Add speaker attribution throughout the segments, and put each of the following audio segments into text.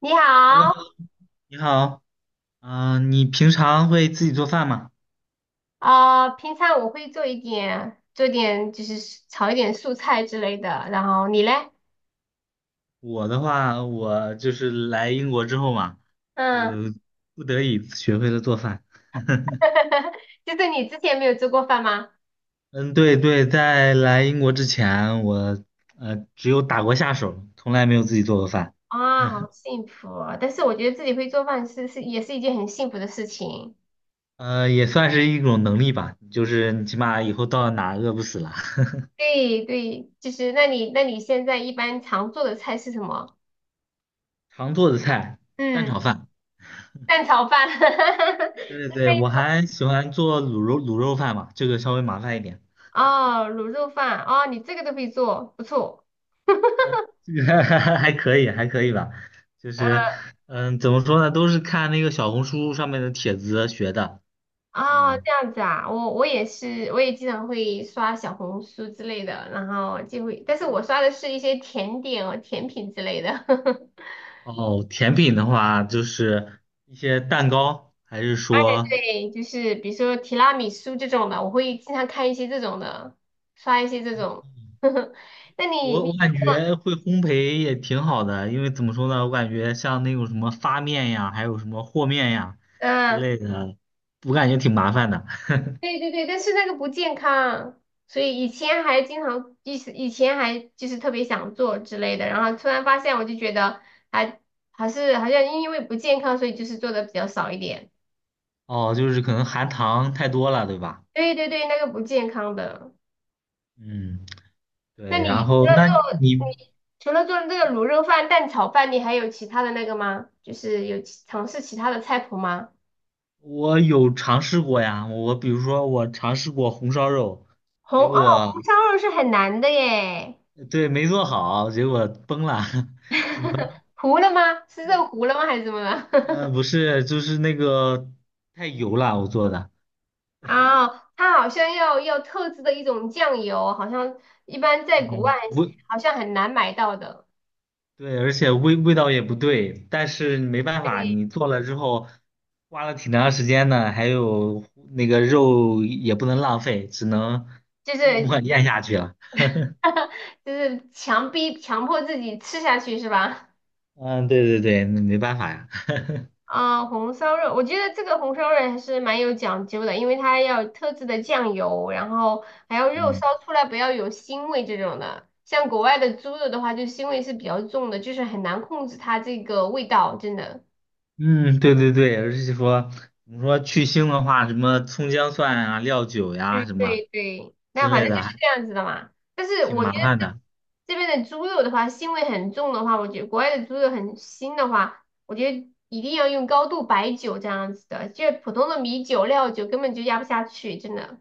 Speaker 1: 你
Speaker 2: Hello，
Speaker 1: 好，
Speaker 2: 你好，嗯，你平常会自己做饭吗？
Speaker 1: 啊，平常我会做一点，就是炒一点素菜之类的。然后你嘞？
Speaker 2: 我的话，我就是来英国之后嘛，
Speaker 1: 嗯，
Speaker 2: 呃，不得已学会了做饭。
Speaker 1: 就是你之前没有做过饭吗？
Speaker 2: 嗯，对对，在来英国之前，我只有打过下手，从来没有自己做过饭。
Speaker 1: 啊，好幸福啊，但是我觉得自己会做饭也是一件很幸福的事情。
Speaker 2: 呃，也算是一种能力吧，就是你起码以后到哪饿不死了。
Speaker 1: 对对，那你现在一般常做的菜是什么？
Speaker 2: 常做的菜，蛋
Speaker 1: 嗯，
Speaker 2: 炒饭。
Speaker 1: 蛋炒饭。
Speaker 2: 对对，我还喜欢做卤肉饭嘛，这个稍微麻烦一点。
Speaker 1: 哦，卤肉饭。哦，你这个都会做，不错。
Speaker 2: 还可以，还可以吧，就是，嗯，怎么说呢，都是看那个小红书上面的帖子学的，
Speaker 1: 哦，
Speaker 2: 嗯，
Speaker 1: 这样子啊，我也是，我也经常会刷小红书之类的，然后就会，但是我刷的是一些甜点哦，甜品之类的。
Speaker 2: 哦，甜品的话就是一些蛋糕，还是说
Speaker 1: 对，就是比如说提拉米苏这种的，我会经常看一些这种的，刷一些这种。那你
Speaker 2: 我
Speaker 1: 你
Speaker 2: 我感觉会烘焙也挺好的，因为怎么说呢，我感觉像那种什么发面呀，还有什么和面呀之
Speaker 1: 嗯，
Speaker 2: 类的，我感觉挺麻烦的。
Speaker 1: 对对对，但是那个不健康，所以以前还经常，以前还就是特别想做之类的，然后突然发现，我就觉得还还是好像因为不健康，所以就是做的比较少一点。
Speaker 2: 哦，就是可能含糖太多了，对吧？
Speaker 1: 对对对，那个不健康的。
Speaker 2: 嗯，
Speaker 1: 那
Speaker 2: 对，然
Speaker 1: 你除
Speaker 2: 后
Speaker 1: 了
Speaker 2: 那
Speaker 1: 做
Speaker 2: 你。
Speaker 1: 你除了做这个卤肉饭、蛋炒饭，你还有其他的那个吗？就是尝试其他的菜谱吗？
Speaker 2: 我有尝试过呀，我比如说我尝试过红烧肉，
Speaker 1: 红
Speaker 2: 结
Speaker 1: 哦，
Speaker 2: 果
Speaker 1: 红烧肉是很难的耶。
Speaker 2: 对没做好，结果崩了，只能
Speaker 1: 糊了吗？是肉糊了吗？还是怎么了？
Speaker 2: 嗯、不是就是那个太油了，我做的，
Speaker 1: 啊，它好像要特制的一种酱油，好像一般在国外
Speaker 2: 嗯味
Speaker 1: 好像很难买到的。
Speaker 2: 对，而且味道也不对，但是没办法，
Speaker 1: 对，
Speaker 2: 你做了之后花了挺长时间的，还有那个肉也不能浪费，只能
Speaker 1: 就
Speaker 2: 默
Speaker 1: 是
Speaker 2: 默咽下去了。
Speaker 1: 就是强逼强迫自己吃下去是吧？
Speaker 2: 嗯，对对对，那没办法呀。
Speaker 1: 啊、红烧肉，我觉得这个红烧肉还是蛮有讲究的，因为它要有特制的酱油，然后还要肉烧
Speaker 2: 嗯。
Speaker 1: 出来不要有腥味这种的。像国外的猪肉的话，就腥味是比较重的，就是很难控制它这个味道，真的。
Speaker 2: 嗯，对对对，而且说你说去腥的话，什么葱姜蒜啊、料酒
Speaker 1: 对
Speaker 2: 呀、什么
Speaker 1: 对对，那
Speaker 2: 之
Speaker 1: 反
Speaker 2: 类
Speaker 1: 正就
Speaker 2: 的，
Speaker 1: 是
Speaker 2: 还
Speaker 1: 这样子的嘛。但是
Speaker 2: 挺
Speaker 1: 我觉得
Speaker 2: 麻烦的。
Speaker 1: 这边的猪肉的话，腥味很重的话，我觉得国外的猪肉很腥的话，我觉得一定要用高度白酒这样子的，就是普通的米酒、料酒根本就压不下去，真的。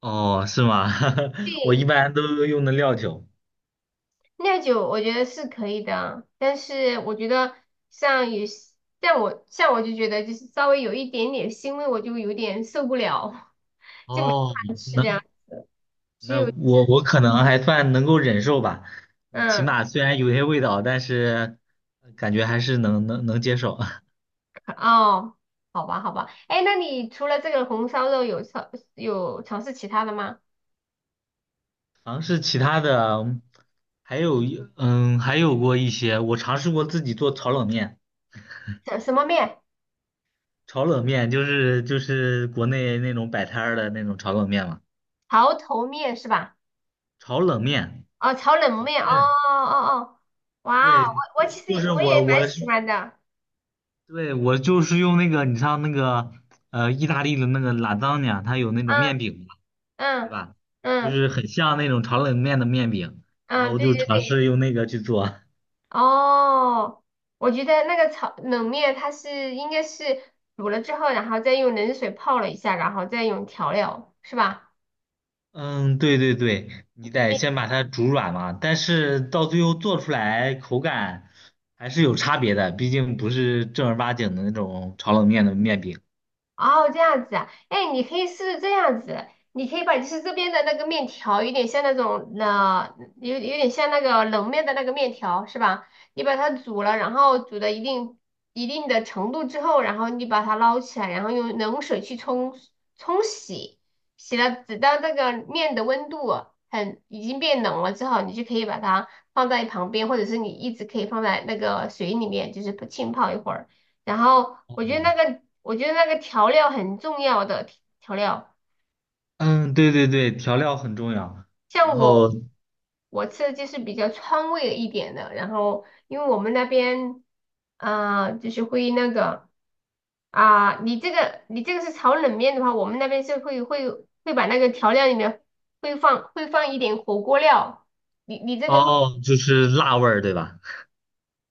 Speaker 2: 哦，是吗？我
Speaker 1: 对，
Speaker 2: 一般都用的料酒。
Speaker 1: 酿酒我觉得是可以的啊，但是我觉得像有些，像我就觉得就是稍微有一点点腥味，我就有点受不了，就没办
Speaker 2: 哦，
Speaker 1: 法吃
Speaker 2: 那
Speaker 1: 这样。只
Speaker 2: 那
Speaker 1: 有
Speaker 2: 我可能还算能够忍受吧，起
Speaker 1: 嗯，
Speaker 2: 码虽然有些味道，但是感觉还是能接受。
Speaker 1: 哦，好吧好吧，哎，那你除了这个红烧肉有尝试其他的吗？
Speaker 2: 尝试其他的，嗯还有一嗯，还有过一些，我尝试过自己做炒冷面。
Speaker 1: 什什么面？
Speaker 2: 炒冷面就是国内那种摆摊儿的那种炒冷面嘛，
Speaker 1: 潮头面是吧？
Speaker 2: 炒冷面，
Speaker 1: 哦，炒冷面，哦
Speaker 2: 对
Speaker 1: 哦哦，哇哦，
Speaker 2: 对，
Speaker 1: 我
Speaker 2: 就是
Speaker 1: 其实
Speaker 2: 就
Speaker 1: 也
Speaker 2: 是
Speaker 1: 我也
Speaker 2: 我
Speaker 1: 蛮
Speaker 2: 我
Speaker 1: 喜
Speaker 2: 是
Speaker 1: 欢的，
Speaker 2: 对我就是用那个你像那个意大利的那个拉扎尼亚，它有那种
Speaker 1: 嗯
Speaker 2: 面饼嘛，对
Speaker 1: 嗯
Speaker 2: 吧？就
Speaker 1: 嗯
Speaker 2: 是很像那种炒冷面的面饼，然
Speaker 1: 嗯，
Speaker 2: 后
Speaker 1: 对
Speaker 2: 就尝
Speaker 1: 对。
Speaker 2: 试用那个去做。
Speaker 1: 哦，我觉得那个炒冷面它是应该是煮了之后，然后再用冷水泡了一下，然后再用调料，是吧？
Speaker 2: 嗯，对对对，你得先把它煮软嘛，但是到最后做出来口感还是有差别的，毕竟不是正儿八经的那种炒冷面的面饼。
Speaker 1: 哦，这样子啊，哎，你可以试试这样子，你可以把就是这边的那个面条，有点像那种有点像那个冷面的那个面条是吧？你把它煮了，然后煮到一定的程度之后，然后你把它捞起来，然后用冷水冲洗，洗了直到那个面的温度很已经变冷了之后，你就可以把它放在旁边，或者是你一直可以放在那个水里面，就是不浸泡一会儿。然后我觉得那个调料很重要的调料，
Speaker 2: 嗯，对对对，调料很重要。然
Speaker 1: 像我
Speaker 2: 后
Speaker 1: 我吃的就是比较川味一点的，然后因为我们那边啊、就是会那个啊、你这个是炒冷面的话，我们那边是会会把那个调料里面会放一点火锅料，你这边会
Speaker 2: 哦，就是辣味儿，对吧？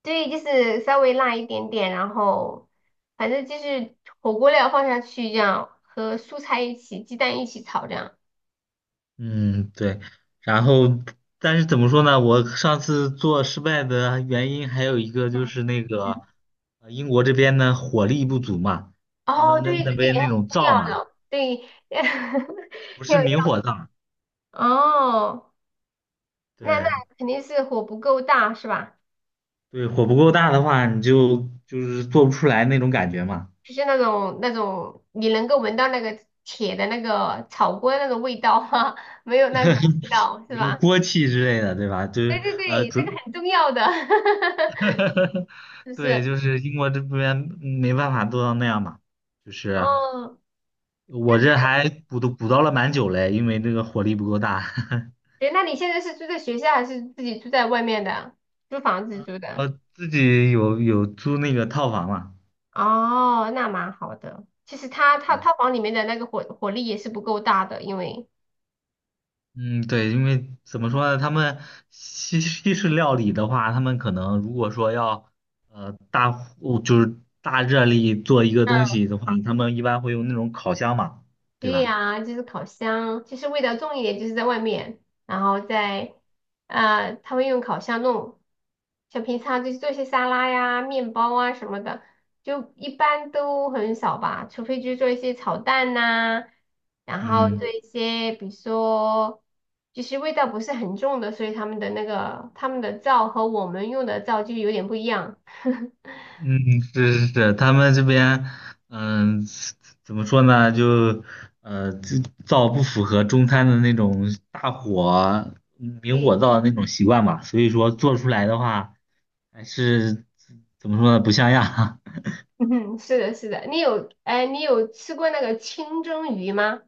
Speaker 1: 对，就是稍微辣一点点，然后反正就是火锅料放下去这样，和蔬菜一起、鸡蛋一起炒这样。
Speaker 2: 嗯，对。然后，但是怎么说呢？我上次做失败的原因还有一个就
Speaker 1: 嗯，
Speaker 2: 是那
Speaker 1: 嗯。
Speaker 2: 个，英国这边的火力不足嘛，他
Speaker 1: 哦，
Speaker 2: 们那
Speaker 1: 对，这
Speaker 2: 那
Speaker 1: 个
Speaker 2: 边
Speaker 1: 也
Speaker 2: 那
Speaker 1: 很
Speaker 2: 种
Speaker 1: 重
Speaker 2: 灶
Speaker 1: 要
Speaker 2: 嘛，
Speaker 1: 的，对，
Speaker 2: 不
Speaker 1: 有，
Speaker 2: 是明火灶，
Speaker 1: 哦，那
Speaker 2: 对
Speaker 1: 肯定是火不够大是吧？
Speaker 2: 对，火不够大的话，你就就是做不出来那种感觉嘛，
Speaker 1: 就是那种你能够闻到那个铁的那个炒锅那个味道哈，没有 那种味道是
Speaker 2: 什么
Speaker 1: 吧？
Speaker 2: 锅气之类的，对吧？就
Speaker 1: 对
Speaker 2: 是
Speaker 1: 对对，
Speaker 2: 主
Speaker 1: 这个很重要的，是不
Speaker 2: 对，
Speaker 1: 是？
Speaker 2: 就是英国这边没办法做到那样嘛，就是
Speaker 1: 哦，
Speaker 2: 我这还补都补到了蛮久嘞，因为这个火力不够大。
Speaker 1: 对，那你现在是住在学校还是自己住在外面的？租房子 住的？
Speaker 2: 我自己有租那个套房嘛，
Speaker 1: 哦，那蛮好的。其实他它
Speaker 2: 对
Speaker 1: 套房里面的那个火力也是不够大的，因为。
Speaker 2: 嗯，对，因为怎么说呢，他们西式料理的话，他们可能如果说要大火就是大热力做一个东西的话，他们一般会用那种烤箱嘛，对
Speaker 1: 对
Speaker 2: 吧？
Speaker 1: 呀，就是烤箱，就是味道重一点，就是在外面，然后在呃，他会用烤箱弄，像平常就是做一些沙拉呀、面包啊什么的，就一般都很少吧，除非就是做一些炒蛋呐、然后做
Speaker 2: 嗯。
Speaker 1: 一些比如说就是味道不是很重的，所以他们的那个他们的灶和我们用的灶就有点不一样。
Speaker 2: 嗯，是是是，他们这边，嗯、怎么说呢？就，呃，就灶不符合中餐的那种大火明
Speaker 1: 对，
Speaker 2: 火灶的那种习惯吧，所以说做出来的话，还是怎么说呢？不像样。
Speaker 1: 嗯，是的，是的，哎，你有吃过那个清蒸鱼吗？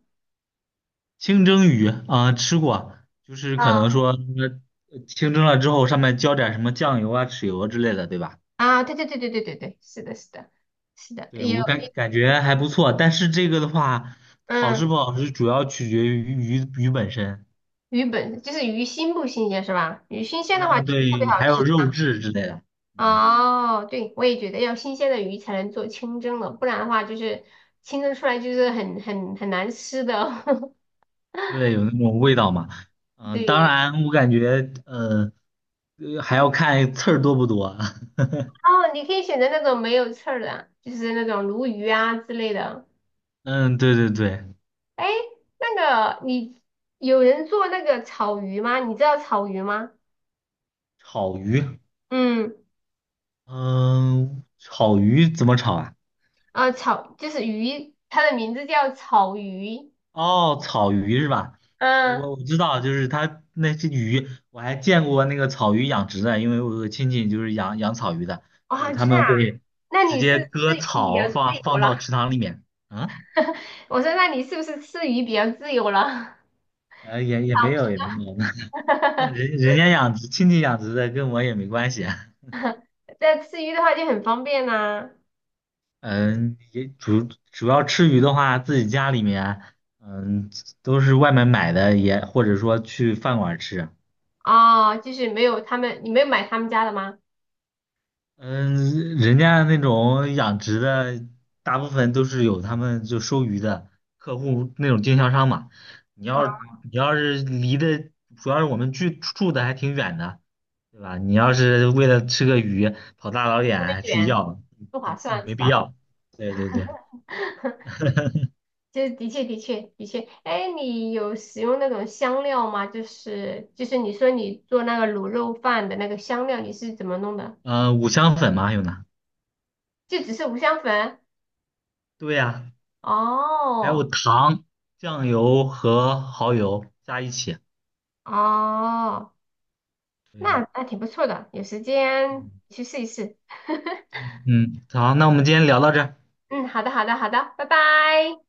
Speaker 2: 清蒸鱼啊、吃过，就是可能
Speaker 1: 啊，
Speaker 2: 说清蒸了之后，上面浇点什么酱油啊、豉油之类的，对吧？
Speaker 1: 啊，对对对对对对对，是的，是的，是的，
Speaker 2: 对，
Speaker 1: 也有，
Speaker 2: 我感觉还不错，但是这个的话，好
Speaker 1: 嗯，
Speaker 2: 吃不好吃，主要取决于鱼本身。
Speaker 1: 就是鱼新不新鲜是吧？鱼新鲜的话
Speaker 2: 嗯，
Speaker 1: 就是特别
Speaker 2: 对，
Speaker 1: 好
Speaker 2: 还有
Speaker 1: 吃
Speaker 2: 肉
Speaker 1: 啊。
Speaker 2: 质之类的，嗯，
Speaker 1: 哦，对，我也觉得要新鲜的鱼才能做清蒸的，不然的话就是清蒸出来就是很难吃的。
Speaker 2: 对，有那种味道嘛。嗯，当
Speaker 1: 对，
Speaker 2: 然，我感觉，还要看刺儿多不多啊。
Speaker 1: 哦，你可以选择那种没有刺儿的，就是那种鲈鱼啊之类的。
Speaker 2: 嗯，对对对，
Speaker 1: 哎，那个你有人做那个草鱼吗？你知道草鱼吗？
Speaker 2: 草鱼，
Speaker 1: 嗯。
Speaker 2: 嗯，草鱼怎么炒啊？
Speaker 1: 啊，草就是鱼，它的名字叫草鱼。
Speaker 2: 哦，草鱼是吧？我
Speaker 1: 嗯，
Speaker 2: 我知道，就是它那些鱼，我还见过那个草鱼养殖的，因为我有个亲戚就是养草鱼的，就
Speaker 1: 哇，
Speaker 2: 是他
Speaker 1: 知道啊？
Speaker 2: 们会
Speaker 1: 那
Speaker 2: 直
Speaker 1: 你是
Speaker 2: 接割
Speaker 1: 吃鱼比较
Speaker 2: 草
Speaker 1: 自
Speaker 2: 放
Speaker 1: 由
Speaker 2: 放
Speaker 1: 了？
Speaker 2: 到池塘里面。嗯。
Speaker 1: 我说，那你是不是吃鱼比较自由了？
Speaker 2: 呃，也也没有，也没有，那那人 人家养殖，亲戚养殖的，跟我也没关系啊。
Speaker 1: 在吃鱼的话就很方便呐、
Speaker 2: 嗯，也主要吃鱼的话，自己家里面，嗯，都是外面买的，也或者说去饭馆吃。
Speaker 1: 哦，就是没有他们，你没有买他们家的吗？
Speaker 2: 嗯，人家那种养殖的，大部分都是有他们就收鱼的客户那种经销商嘛。你
Speaker 1: 啊，
Speaker 2: 要你要是离的，主要是我们居住的还挺远的。对吧？你要是为了吃个鱼跑大老远还去
Speaker 1: 远
Speaker 2: 要，
Speaker 1: 不划
Speaker 2: 不
Speaker 1: 算是
Speaker 2: 没必
Speaker 1: 吧？
Speaker 2: 要。对对对，
Speaker 1: 就是的确，哎，你有使用那种香料吗？就是你说你做那个卤肉饭的那个香料，你是怎么弄的？
Speaker 2: 嗯，五香粉嘛，还有呢？
Speaker 1: 就只是五香粉？
Speaker 2: 对呀、还有
Speaker 1: 哦
Speaker 2: 糖、酱油和蚝油加一起。
Speaker 1: 哦，
Speaker 2: 对，
Speaker 1: 那那挺不错的，有时间
Speaker 2: 嗯
Speaker 1: 去试一试。
Speaker 2: 嗯嗯，好，那我们今天聊到这儿。
Speaker 1: 嗯，好的好的好的，拜拜。